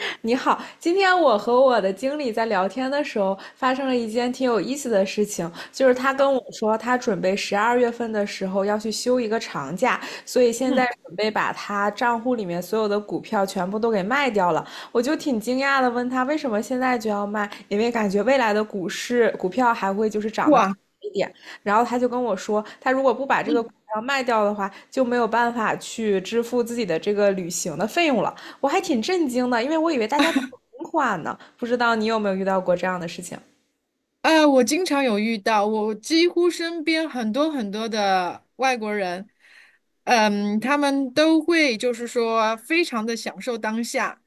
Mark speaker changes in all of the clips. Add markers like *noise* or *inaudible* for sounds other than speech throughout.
Speaker 1: *laughs* 你好，今天我和我的经理在聊天的时候，发生了一件挺有意思的事情，就是他跟我说，他准备12月份的时候要去休一个长假，所以现在
Speaker 2: 嗯，
Speaker 1: 准备把他账户里面所有的股票全部都给卖掉了。我就挺惊讶的，问他为什么现在就要卖，因为感觉未来的股市股票还会就是涨得更
Speaker 2: 哇，
Speaker 1: 一点，然后他就跟我说，他如果不把这个股
Speaker 2: 嗯，
Speaker 1: 票卖掉的话，就没有办法去支付自己的这个旅行的费用了。我还挺震惊的，因为我以为大家都存款呢，不知道你有没有遇到过这样的事情？
Speaker 2: 啊，我经常有遇到，我几乎身边很多的外国人，嗯，他们都会非常的享受当下，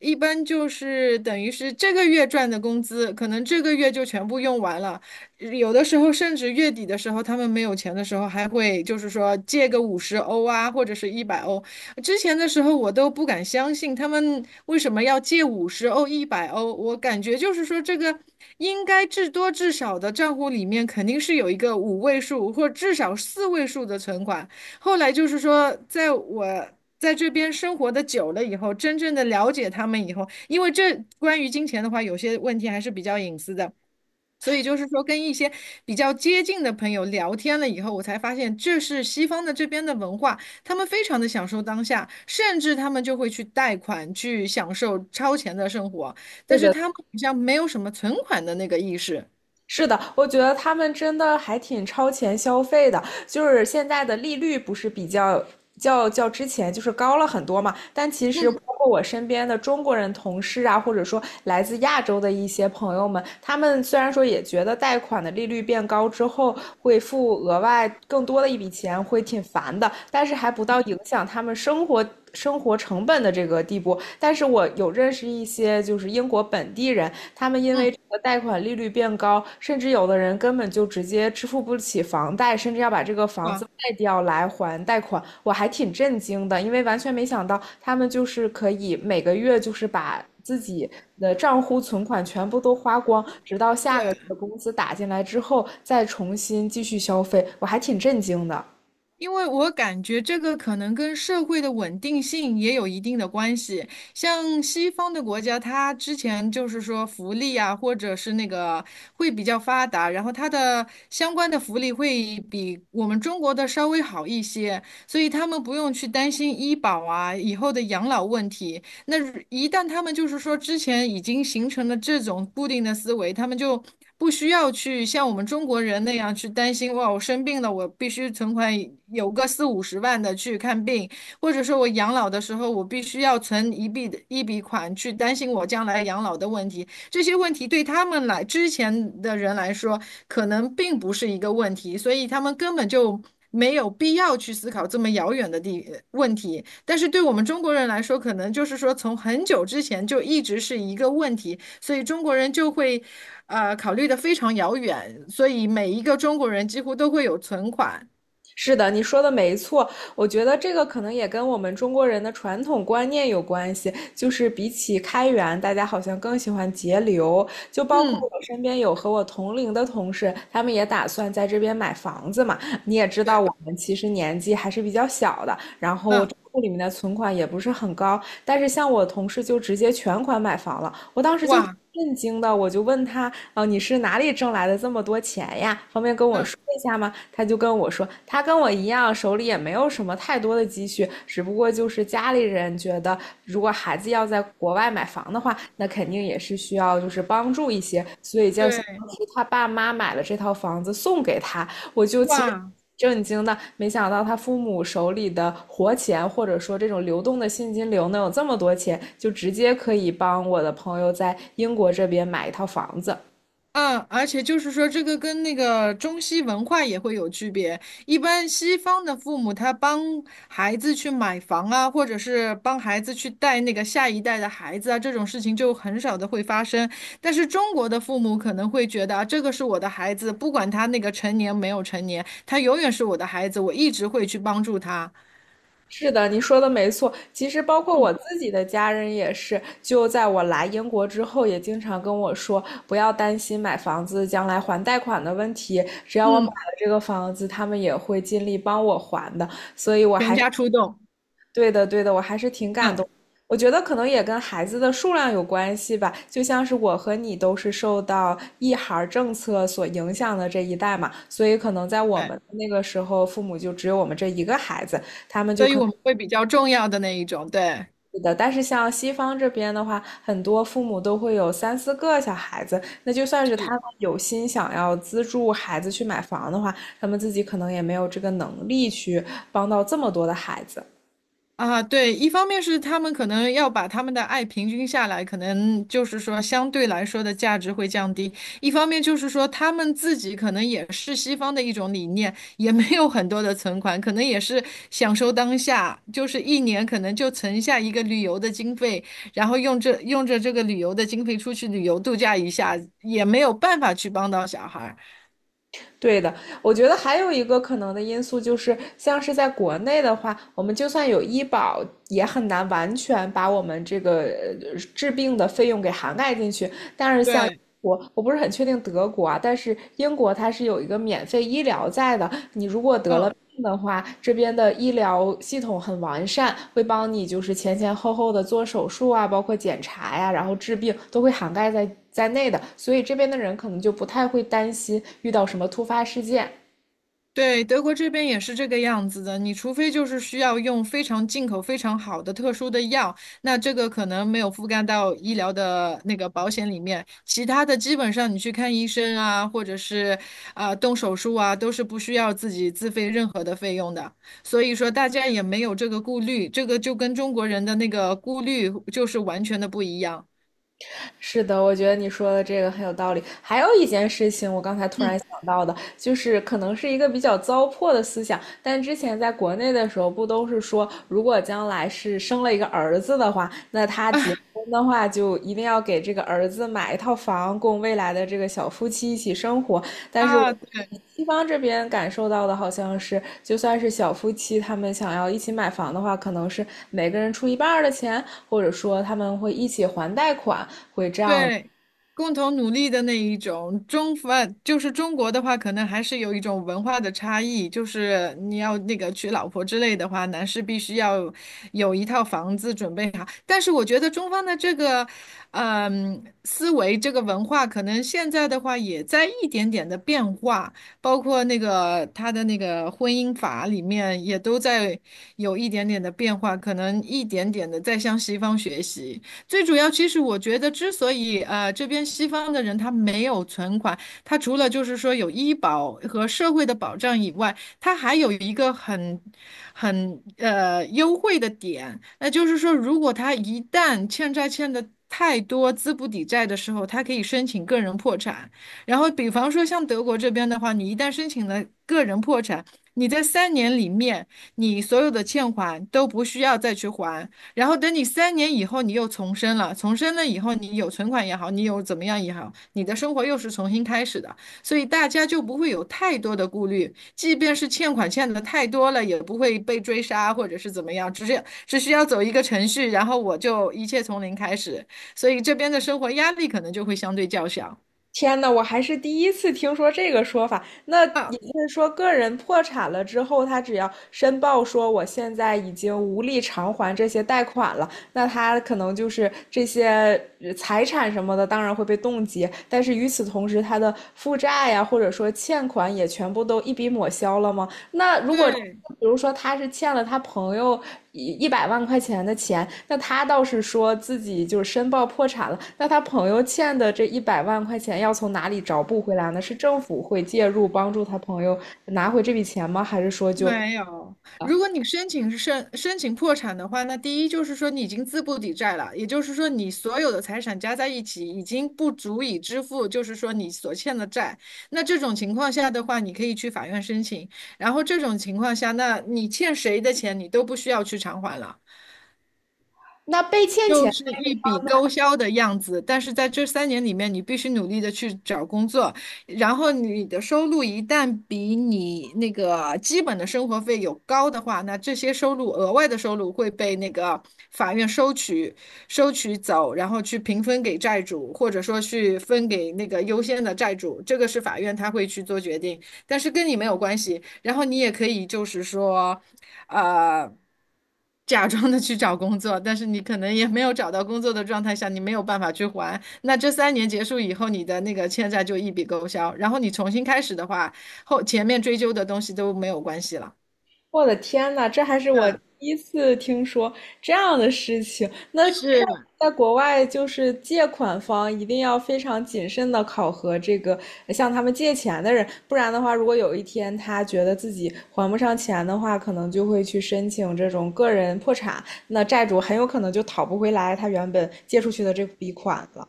Speaker 2: 一般就是等于是这个月赚的工资，可能这个月就全部用完了，有的时候甚至月底的时候，他们没有钱的时候，还会借个五十欧啊，或者是一百欧，之前的时候我都不敢相信他们为什么要借五十欧、一百欧，我感觉就是说这个应该至多至少的账户里面肯定是有一个五位数或至少四位数的存款。后来就是说，在我在这边生活的久了以后，真正的了解他们以后，因为这关于金钱的话，有些问题还是比较隐私的。所以就是说，跟一些比较接近的朋友聊天了以后，我才发现这是西方的这边的文化，他们非常的享受当下，甚至他们就会去贷款去享受超前的生活，但
Speaker 1: 是
Speaker 2: 是
Speaker 1: 的，
Speaker 2: 他们好像没有什么存款的那个意识。
Speaker 1: 是的，我觉得他们真的还挺超前消费的，就是现在的利率不是比较之前就是高了很多嘛，但其实包
Speaker 2: 嗯
Speaker 1: 括我身边的中国人同事啊，或者说来自亚洲的一些朋友们，他们虽然说也觉得贷款的利率变高之后会付额外更多的一笔钱，会挺烦的，但是还不到影响他们生活成本的这个地步。但是我有认识一些就是英国本地人，他们因为
Speaker 2: 嗯，
Speaker 1: 这个贷款利率变高，甚至有的人根本就直接支付不起房贷，甚至要把这个房子
Speaker 2: 哇，
Speaker 1: 卖掉来还贷款。我还挺震惊的，因为完全没想到他们就是可以每个月就是把自己的账户存款全部都花光，直到下个
Speaker 2: 对。
Speaker 1: 月工资打进来之后再重新继续消费，我还挺震惊的。
Speaker 2: 因为我感觉这个可能跟社会的稳定性也有一定的关系。像西方的国家，它之前就是说福利啊，或者是那个会比较发达，然后它的相关的福利会比我们中国的稍微好一些，所以他们不用去担心医保啊，以后的养老问题。那一旦他们就是说之前已经形成了这种固定的思维，他们就不需要去像我们中国人那样去担心，哇，我生病了，我必须存款有个四五十万的去看病，或者说我养老的时候，我必须要存一笔款去担心我将来养老的问题。这些问题对他们来之前的人来说，可能并不是一个问题，所以他们根本就没有必要去思考这么遥远的问题。但是对我们中国人来说，可能就是说从很久之前就一直是一个问题，所以中国人就会考虑的非常遥远，所以每一个中国人几乎都会有存款。
Speaker 1: 是的，你说的没错。我觉得这个可能也跟我们中国人的传统观念有关系，就是比起开源，大家好像更喜欢节流。就包括
Speaker 2: 嗯，
Speaker 1: 我身边有和我同龄的同事，他们也打算在这边买房子嘛。你也知道，
Speaker 2: 对，
Speaker 1: 我们其实年纪还是比较小的，然后
Speaker 2: 嗯，
Speaker 1: 账户里面的存款也不是很高。但是像我同事就直接全款买房了，我当时就
Speaker 2: 哇，
Speaker 1: 震惊的，我就问他，你是哪里挣来的这么多钱呀？方便跟我
Speaker 2: 嗯，
Speaker 1: 说一下吗？他就跟我说，他跟我一样，手里也没有什么太多的积蓄，只不过就是家里人觉得，如果孩子要在国外买房的话，那肯定也是需要就是帮助一些，所以就相
Speaker 2: 对，
Speaker 1: 当于他爸妈买了这套房子送给他。我就其实
Speaker 2: 哇。
Speaker 1: 震惊的，没想到他父母手里的活钱，或者说这种流动的现金流能有这么多钱，就直接可以帮我的朋友在英国这边买一套房子。
Speaker 2: 嗯，而且就是说，这个跟那个中西文化也会有区别。一般西方的父母，他帮孩子去买房啊，或者是帮孩子去带那个下一代的孩子啊，这种事情就很少的会发生。但是中国的父母可能会觉得啊，这个是我的孩子，不管他那个成年没有成年，他永远是我的孩子，我一直会去帮助他。
Speaker 1: 是的，你说的没错。其实包括我自己的家人也是，就在我来英国之后，也经常跟我说，不要担心买房子将来还贷款的问题，只要我买
Speaker 2: 嗯，
Speaker 1: 了这个房子，他们也会尽力帮我还的。所以我。
Speaker 2: 全家出动。
Speaker 1: 对的，对的，我还是挺感
Speaker 2: 嗯，
Speaker 1: 动。我觉得可能也跟孩子的数量有关系吧，就像是我和你都是受到一孩儿政策所影响的这一代嘛，所以可能在我
Speaker 2: 对，
Speaker 1: 们那个时候，父母就只有我们这一个孩子。
Speaker 2: 所以我们会比较重要的那一种，对。
Speaker 1: 是的，但是像西方这边的话，很多父母都会有三四个小孩子，那就算是他
Speaker 2: 是。
Speaker 1: 们有心想要资助孩子去买房的话，他们自己可能也没有这个能力去帮到这么多的孩子。
Speaker 2: 啊，对，一方面是他们可能要把他们的爱平均下来，可能就是说相对来说的价值会降低；一方面就是说他们自己可能也是西方的一种理念，也没有很多的存款，可能也是享受当下，就是一年可能就存下一个旅游的经费，然后用着这个旅游的经费出去旅游度假一下，也没有办法去帮到小孩儿。
Speaker 1: 对的，我觉得还有一个可能的因素就是，像是在国内的话，我们就算有医保，也很难完全把我们这个治病的费用给涵盖进去。
Speaker 2: 对，
Speaker 1: 我不是很确定德国啊，但是英国它是有一个免费医疗在的。
Speaker 2: 嗯
Speaker 1: 这样的话，这边的医疗系统很完善，会帮你就是前前后后的做手术啊，包括检查呀、然后治病都会涵盖在内的，所以这边的人可能就不太会担心遇到什么突发事件。
Speaker 2: 对，德国这边也是这个样子的。你除非就是需要用非常进口、非常好的特殊的药，那这个可能没有覆盖到医疗的那个保险里面。其他的基本上你去看医生啊，或者是动手术啊，都是不需要自己自费任何的费用的。所以说大家也没有这个顾虑，这个就跟中国人的那个顾虑就是完全的不一样。
Speaker 1: 是的，我觉得你说的这个很有道理。还有一件事情，我刚才突然
Speaker 2: 嗯
Speaker 1: 想到的，就是可能是一个比较糟粕的思想，但之前在国内的时候，不都是说，如果将来是生了一个儿子的话，那他结
Speaker 2: *laughs*
Speaker 1: 婚的话，就一定要给这个儿子买一套房，供未来的这个小夫妻一起生活。但是我
Speaker 2: 啊，对。
Speaker 1: 西方这边感受到的好像是，就算是小夫妻，他们想要一起买房的话，可能是每个人出一半儿的钱，或者说他们会一起还贷款，
Speaker 2: 对，共同努力的那一种，中方就是中国的话，可能还是有一种文化的差异，就是你要那个娶老婆之类的话，男士必须要有一套房子准备好。但是我觉得中方的这个，思维这个文化，可能现在的话也在一点点的变化，包括那个他的那个婚姻法里面也都在有一点点的变化，可能一点点的在向西方学习。最主要，其实我觉得，之所以这边西方的人他没有存款，他除了就是说有医保和社会的保障以外，他还有一个很优惠的点，那就是说，如果他一旦欠债欠的太多，资不抵债的时候，他可以申请个人破产。然后，比方说像德国这边的话，你一旦申请了个人破产，你在三年里面，你所有的欠款都不需要再去还。然后等你三年以后，你又重生了，重生了以后，你有存款也好，你有怎么样也好，你的生活又是重新开始的，所以大家就不会有太多的顾虑，即便是欠款欠的太多了，也不会被追杀或者是怎么样，只是只需要走一个程序，然后我就一切从零开始，所以这边的生活压力可能就会相对较小。
Speaker 1: 天呐，我还是第一次听说这个说法。那也
Speaker 2: 啊，
Speaker 1: 就是说，个人破产了之后，他只要申报说我现在已经无力偿还这些贷款了，那他可能就是这些财产什么的，当然会被冻结。但是与此同时，他的负债呀，或者说欠款也全部都一笔抹消了吗？那如果
Speaker 2: 对。
Speaker 1: 比如说他是欠了他朋友一百万块钱的钱，那他倒是说自己就是申报破产了，那他朋友欠的这一百万块钱要从哪里找补回来呢？是政府会介入帮助他朋友拿回这笔钱吗？还是说就
Speaker 2: 没有，如果你申请破产的话，那第一就是说你已经资不抵债了，也就是说你所有的财产加在一起已经不足以支付，就是说你所欠的债。那这种情况下的话，你可以去法院申请。然后这种情况下，那你欠谁的钱你都不需要去偿还了。
Speaker 1: 那被欠
Speaker 2: 又
Speaker 1: 钱，
Speaker 2: 是一笔勾销的样子，但是在这三年里面，你必须努力的去找工作，然后你的收入一旦比你那个基本的生活费有高的话，那这些收入额外的收入会被那个法院收取，收取走，然后去平分给债主，或者说去分给那个优先的债主，这个是法院他会去做决定，但是跟你没有关系。然后你也可以就是说。呃，假装的去找工作，但是你可能也没有找到工作的状态下，你没有办法去还。那这三年结束以后，你的那个欠债就一笔勾销，然后你重新开始的话，后前面追究的东西都没有关系了。
Speaker 1: 我的天呐，这还是
Speaker 2: 对，
Speaker 1: 我第一次听说这样的事情。那看
Speaker 2: 是，
Speaker 1: 在国外，就是借款方一定要非常谨慎的考核这个向他们借钱的人，不然的话，如果有一天他觉得自己还不上钱的话，可能就会去申请这种个人破产，那债主很有可能就讨不回来他原本借出去的这笔款了。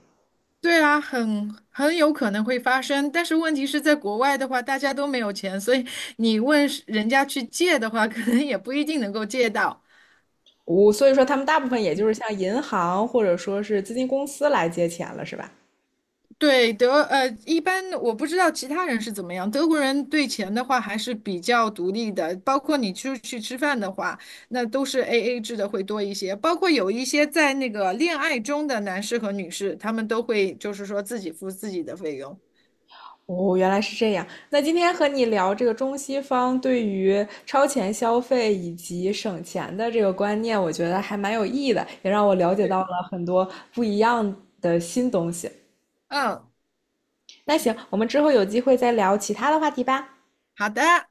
Speaker 2: 对啊，很有可能会发生，但是问题是在国外的话，大家都没有钱，所以你问是人家去借的话，可能也不一定能够借到。
Speaker 1: 我所以说，他们大部分也就是向银行或者说是资金公司来借钱了，是吧？
Speaker 2: 对，一般我不知道其他人是怎么样。德国人对钱的话还是比较独立的，包括你出去吃饭的话，那都是 AA 制的会多一些。包括有一些在那个恋爱中的男士和女士，他们都会就是说自己付自己的费用。
Speaker 1: 哦，原来是这样。那今天和你聊这个中西方对于超前消费以及省钱的这个观念，我觉得还蛮有意义的，也让我了解到
Speaker 2: 是，
Speaker 1: 了很多不一样的新东西。
Speaker 2: 嗯，
Speaker 1: 那行，我们之后有机会再聊其他的话题吧。
Speaker 2: 好的。